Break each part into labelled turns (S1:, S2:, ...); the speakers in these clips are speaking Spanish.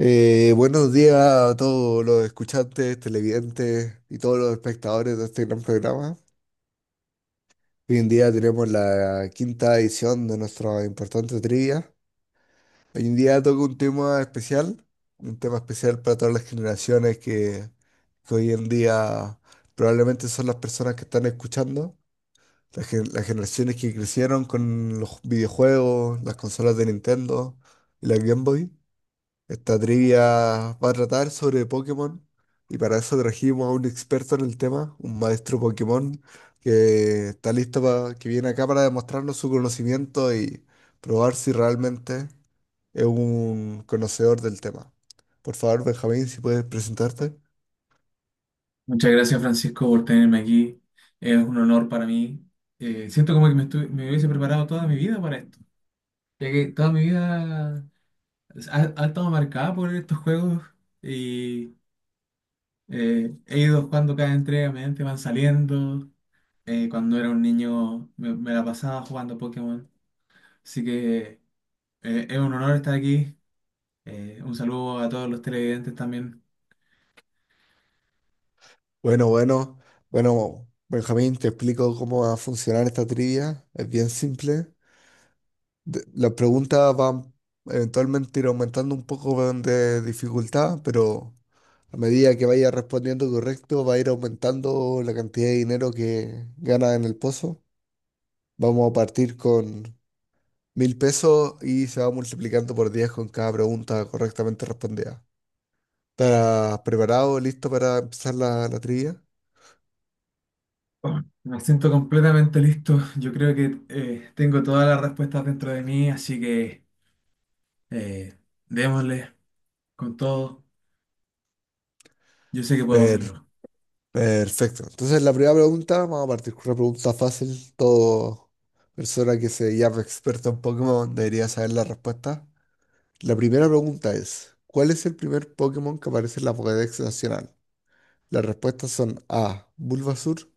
S1: Buenos días a todos los escuchantes, televidentes y todos los espectadores de este gran programa. Hoy en día tenemos la quinta edición de nuestra importante trivia. Hoy en día toca un tema especial para todas las generaciones que hoy en día probablemente son las personas que están escuchando, las generaciones que crecieron con los videojuegos, las consolas de Nintendo y la Game Boy. Esta trivia va a tratar sobre Pokémon y para eso trajimos a un experto en el tema, un maestro Pokémon que está listo para que viene acá para demostrarnos su conocimiento y probar si realmente es un conocedor del tema. Por favor, Benjamín, si puedes presentarte.
S2: Muchas gracias, Francisco, por tenerme aquí. Es un honor para mí. Siento como que me hubiese preparado toda mi vida para esto, ya que toda mi vida ha estado marcada por estos juegos y he ido jugando cada entrega, mediante van saliendo. Cuando era un niño me la pasaba jugando Pokémon. Así que es un honor estar aquí. Un saludo a todos los televidentes también.
S1: Bueno, bueno, bueno, Benjamín, te explico cómo va a funcionar esta trivia. Es bien simple. Las preguntas van eventualmente ir aumentando un poco de dificultad, pero a medida que vaya respondiendo correcto, va a ir aumentando la cantidad de dinero que gana en el pozo. Vamos a partir con 1.000 pesos y se va multiplicando por 10 con cada pregunta correctamente respondida. ¿Estás preparado, listo para empezar la trivia?
S2: Oh, me siento completamente listo. Yo creo que tengo todas las respuestas dentro de mí, así que eh, démosle con todo. Yo sé que puedo
S1: Per-
S2: hacerlo.
S1: Perfecto. Entonces, la primera pregunta, vamos a partir con una pregunta fácil. Todo persona que se llama experta en Pokémon debería saber la respuesta. La primera pregunta es, ¿cuál es el primer Pokémon que aparece en la Pokédex Nacional? Las respuestas son A. Bulbasur,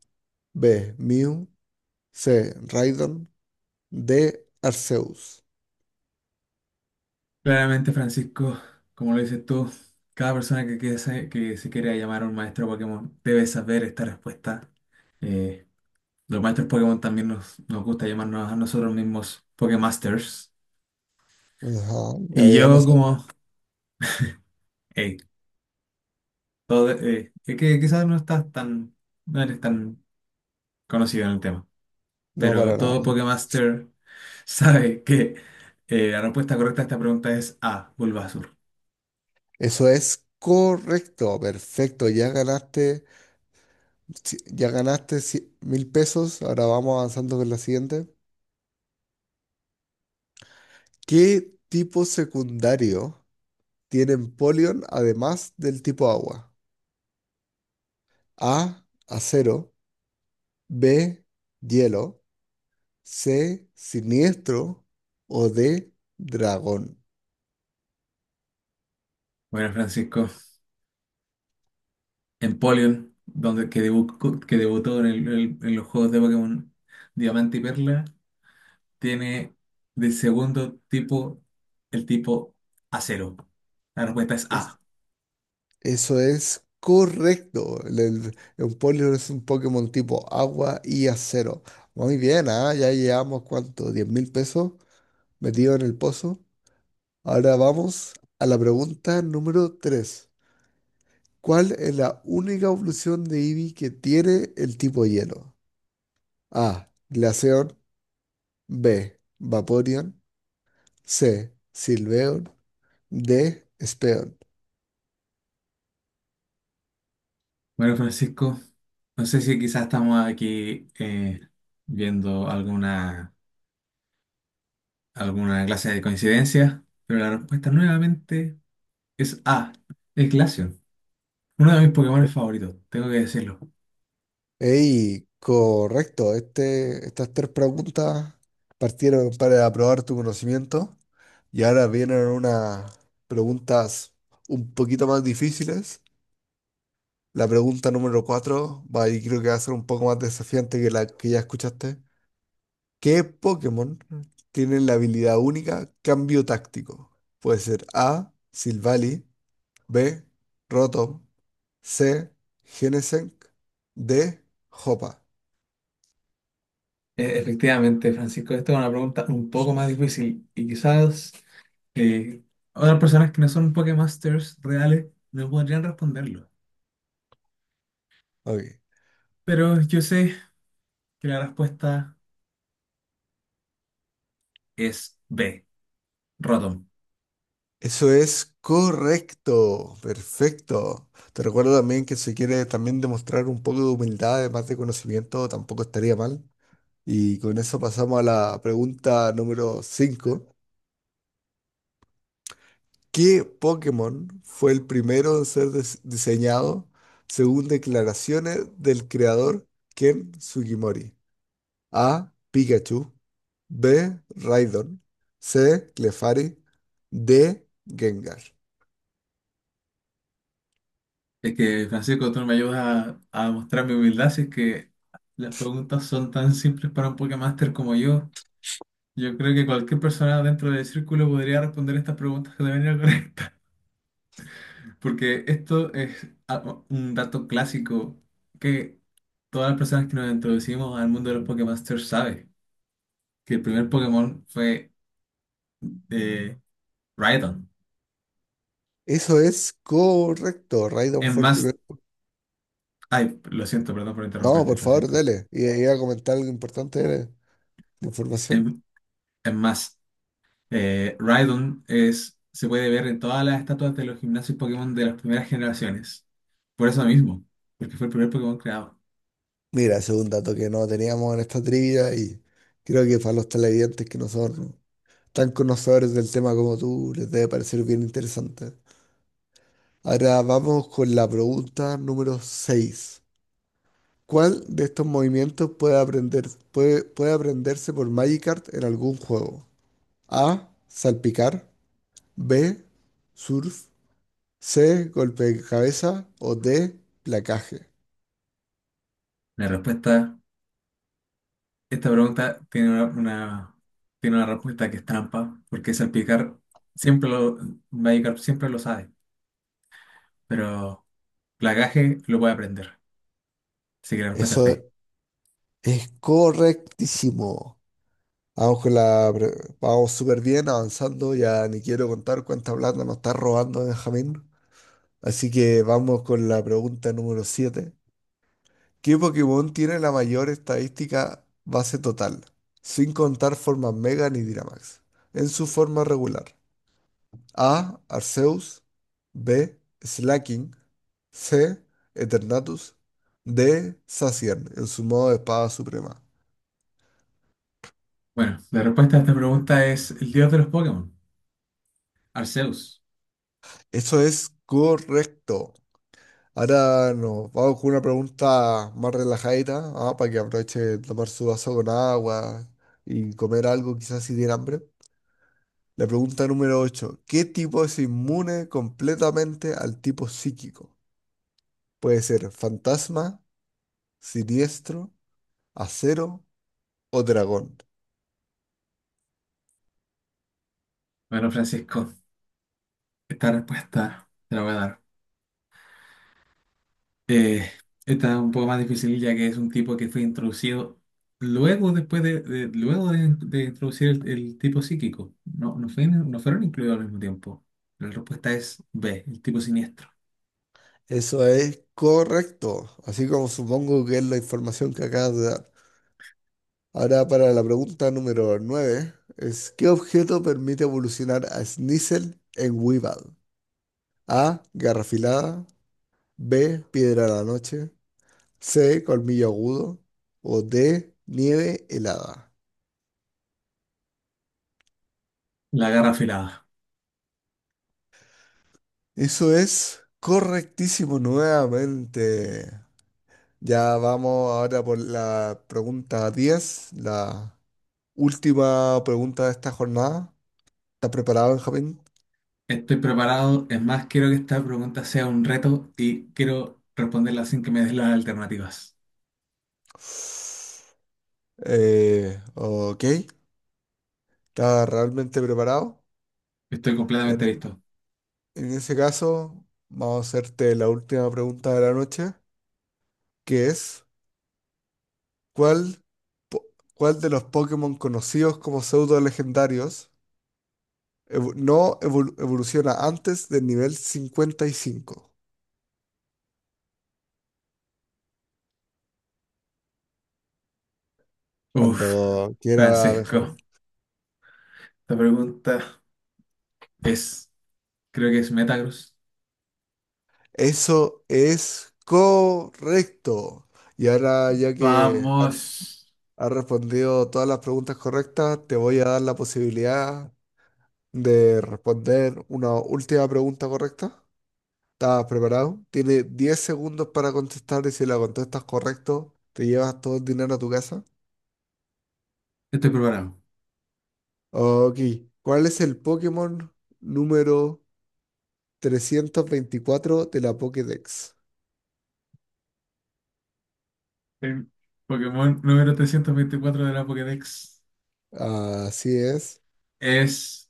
S1: B. Mew, C. Raidon, D. Arceus.
S2: Claramente, Francisco, como lo dices tú, cada persona que se quiera llamar a un maestro Pokémon debe saber esta respuesta. Eh, los maestros Pokémon también nos gusta llamarnos a nosotros mismos Pokémasters.
S1: Ajá, ya
S2: Y
S1: veo, no
S2: yo
S1: sabía.
S2: como, hey, todo, que quizás no estás tan, no eres tan conocido en el tema.
S1: No,
S2: Pero
S1: para nada.
S2: todo Pokémaster sabe que la respuesta correcta a esta pregunta es A, Bulbasaur.
S1: Eso es correcto, perfecto. Ya ganaste 1.000 pesos. Ahora vamos avanzando con la siguiente. ¿Qué tipo secundario tienen Polion además del tipo agua? A, acero, B, hielo, C, siniestro o D, dragón.
S2: Bueno, Francisco, Empoleon, donde, que, debu- que debutó en, en los juegos de Pokémon Diamante y Perla, tiene de segundo tipo el tipo acero. La respuesta es
S1: Es-
S2: A.
S1: Eso es correcto. Un Poliwrath es un Pokémon tipo agua y acero. Muy bien, ¿ah? Ya llevamos cuánto, 10.000 pesos metido en el pozo. Ahora vamos a la pregunta número tres. ¿Cuál es la única evolución de Eevee que tiene el tipo hielo? A, Glaceon, B, Vaporeon, C, Silveon, D, Speon.
S2: Bueno, Francisco, no sé si quizás estamos aquí viendo alguna clase de coincidencia, pero la respuesta nuevamente es A, el Glaceon, uno de mis Pokémon favoritos, tengo que decirlo.
S1: Ey, correcto. Este, estas tres preguntas partieron para aprobar tu conocimiento y ahora vienen unas preguntas un poquito más difíciles. La pregunta número cuatro va y creo que va a ser un poco más desafiante que la que ya escuchaste. ¿Qué Pokémon tiene la habilidad única Cambio Táctico? Puede ser A, Silvally, B, Rotom, C, Genesect, D, Hoppa.
S2: Efectivamente, Francisco, esta es una pregunta un poco más difícil y quizás eh, otras personas que no son Pokémasters reales no podrían responderlo.
S1: Ok.
S2: Pero yo sé que la respuesta es B, Rotom.
S1: Eso es correcto, perfecto. Te recuerdo también que si quieres también demostrar un poco de humildad, además de conocimiento, tampoco estaría mal. Y con eso pasamos a la pregunta número cinco. ¿Qué Pokémon fue el primero en ser diseñado según declaraciones del creador Ken Sugimori? A. Pikachu. B. Raidon. C. Clefairy. D. Gengar.
S2: Es que, Francisco, tú me ayudas a mostrar mi humildad si es que las preguntas son tan simples para un Pokémaster como yo. Yo creo que cualquier persona dentro del círculo podría responder estas preguntas que te venía. Porque un dato clásico que todas las personas que nos introducimos al mundo de los Pokémasters saben, que el primer Pokémon fue eh, Rhydon.
S1: Eso es correcto. Raidon
S2: Es
S1: fue el
S2: más,
S1: primero.
S2: ay, lo siento, perdón por
S1: No,
S2: interrumpirte,
S1: por favor,
S2: Francisco.
S1: dele. Y iba a comentar algo importante de la
S2: Es,
S1: información.
S2: es más, Rhydon es, se puede ver en todas las estatuas de los gimnasios Pokémon de las primeras generaciones. Por eso mismo, porque fue el primer Pokémon creado.
S1: Mira, ese es un dato que no teníamos en esta trivia y creo que para los televidentes que no son tan conocedores del tema como tú, les debe parecer bien interesante. Ahora vamos con la pregunta número 6. ¿Cuál de estos movimientos puede puede aprenderse por Magikarp en algún juego? A. Salpicar. B. Surf. C, golpe de cabeza o D, placaje.
S2: La respuesta Esta pregunta tiene tiene una respuesta que es trampa, porque salpicar siempre lo, Magikarp siempre lo sabe, pero Plagaje lo puede aprender. Así que la respuesta es D.
S1: Eso es correctísimo. Vamos con la... pre- Vamos súper bien avanzando. Ya ni quiero contar cuánta plata nos está robando Benjamín. Así que vamos con la pregunta número 7. ¿Qué Pokémon tiene la mayor estadística base total? Sin contar formas Mega ni Dynamax. En su forma regular. A. Arceus. B. Slaking. C. Eternatus. D. Zacian, en su modo de espada suprema.
S2: Bueno, la respuesta a esta pregunta es el dios de los Pokémon, Arceus.
S1: Eso es correcto. Ahora nos vamos con una pregunta más relajadita, ah, para que aproveche de tomar su vaso con agua y comer algo, quizás si tiene hambre. La pregunta número 8. ¿Qué tipo es inmune completamente al tipo psíquico? Puede ser fantasma, siniestro, acero o dragón.
S2: Bueno, Francisco, esta respuesta te la voy a dar. Eh, esta es un poco más difícil ya que es un tipo que fue introducido luego luego de introducir el tipo psíquico. No, no, no fueron incluidos al mismo tiempo. La respuesta es B, el tipo siniestro.
S1: Eso es correcto, así como supongo que es la información que acabas de dar. Ahora para la pregunta número 9 es ¿qué objeto permite evolucionar a Sneasel en Weevil? A. garra afilada, B. Piedra de la noche, C. Colmillo agudo o D. Nieve helada.
S2: La garra afilada.
S1: Eso es correctísimo nuevamente. Ya vamos ahora por la pregunta 10, la última pregunta de esta jornada. ¿Está preparado, Benjamín?
S2: Estoy preparado. Es más, quiero que esta pregunta sea un reto y quiero responderla sin que me des las alternativas.
S1: Ok, ¿está realmente preparado?
S2: Estoy completamente
S1: En,
S2: listo.
S1: en ese caso, vamos a hacerte la última pregunta de la noche, que es, ¿cuál, po- ¿cuál de los Pokémon conocidos como pseudo legendarios no evoluciona antes del nivel 55?
S2: Uf,
S1: Cuando quiera,
S2: Francisco,
S1: Benjamín.
S2: esta pregunta es, creo que es Metagross.
S1: Eso es correcto. Y ahora, ya que
S2: Vamos.
S1: has respondido todas las preguntas correctas. Te voy a dar la posibilidad de responder una última pregunta correcta. ¿Estás preparado? Tienes 10 segundos para contestar y si la contestas correcto, te llevas todo el dinero a tu casa.
S2: Estoy preparado.
S1: Ok. ¿Cuál es el Pokémon número 324 de la Pokédex?
S2: El Pokémon número 324 de la Pokédex
S1: Así es.
S2: es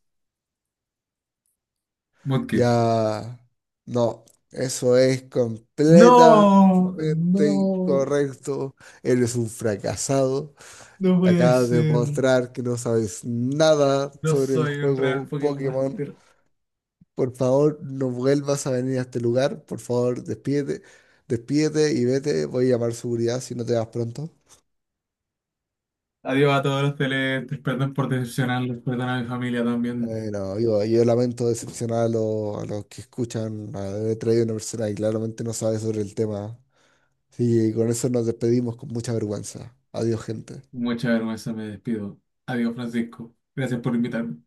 S2: Mudkip.
S1: Ya. No, eso es completamente
S2: No, no,
S1: incorrecto. Eres un fracasado.
S2: no puede
S1: Acabas de
S2: ser.
S1: mostrar que no sabes nada
S2: No
S1: sobre el
S2: soy un real
S1: juego
S2: Pokémon
S1: Pokémon.
S2: Master.
S1: Por favor, no vuelvas a venir a este lugar. Por favor, despídete, despídete y vete. Voy a llamar seguridad si no te vas pronto.
S2: Adiós a todos los televidentes. Perdón por decepcionarlos. Perdón a mi familia también.
S1: No, yo lamento decepcionar a los que escuchan. He traído una persona que claramente no sabe sobre el tema. Sí, y con eso nos despedimos con mucha vergüenza. Adiós, gente.
S2: Mucha vergüenza, me despido. Adiós, Francisco. Gracias por invitarme.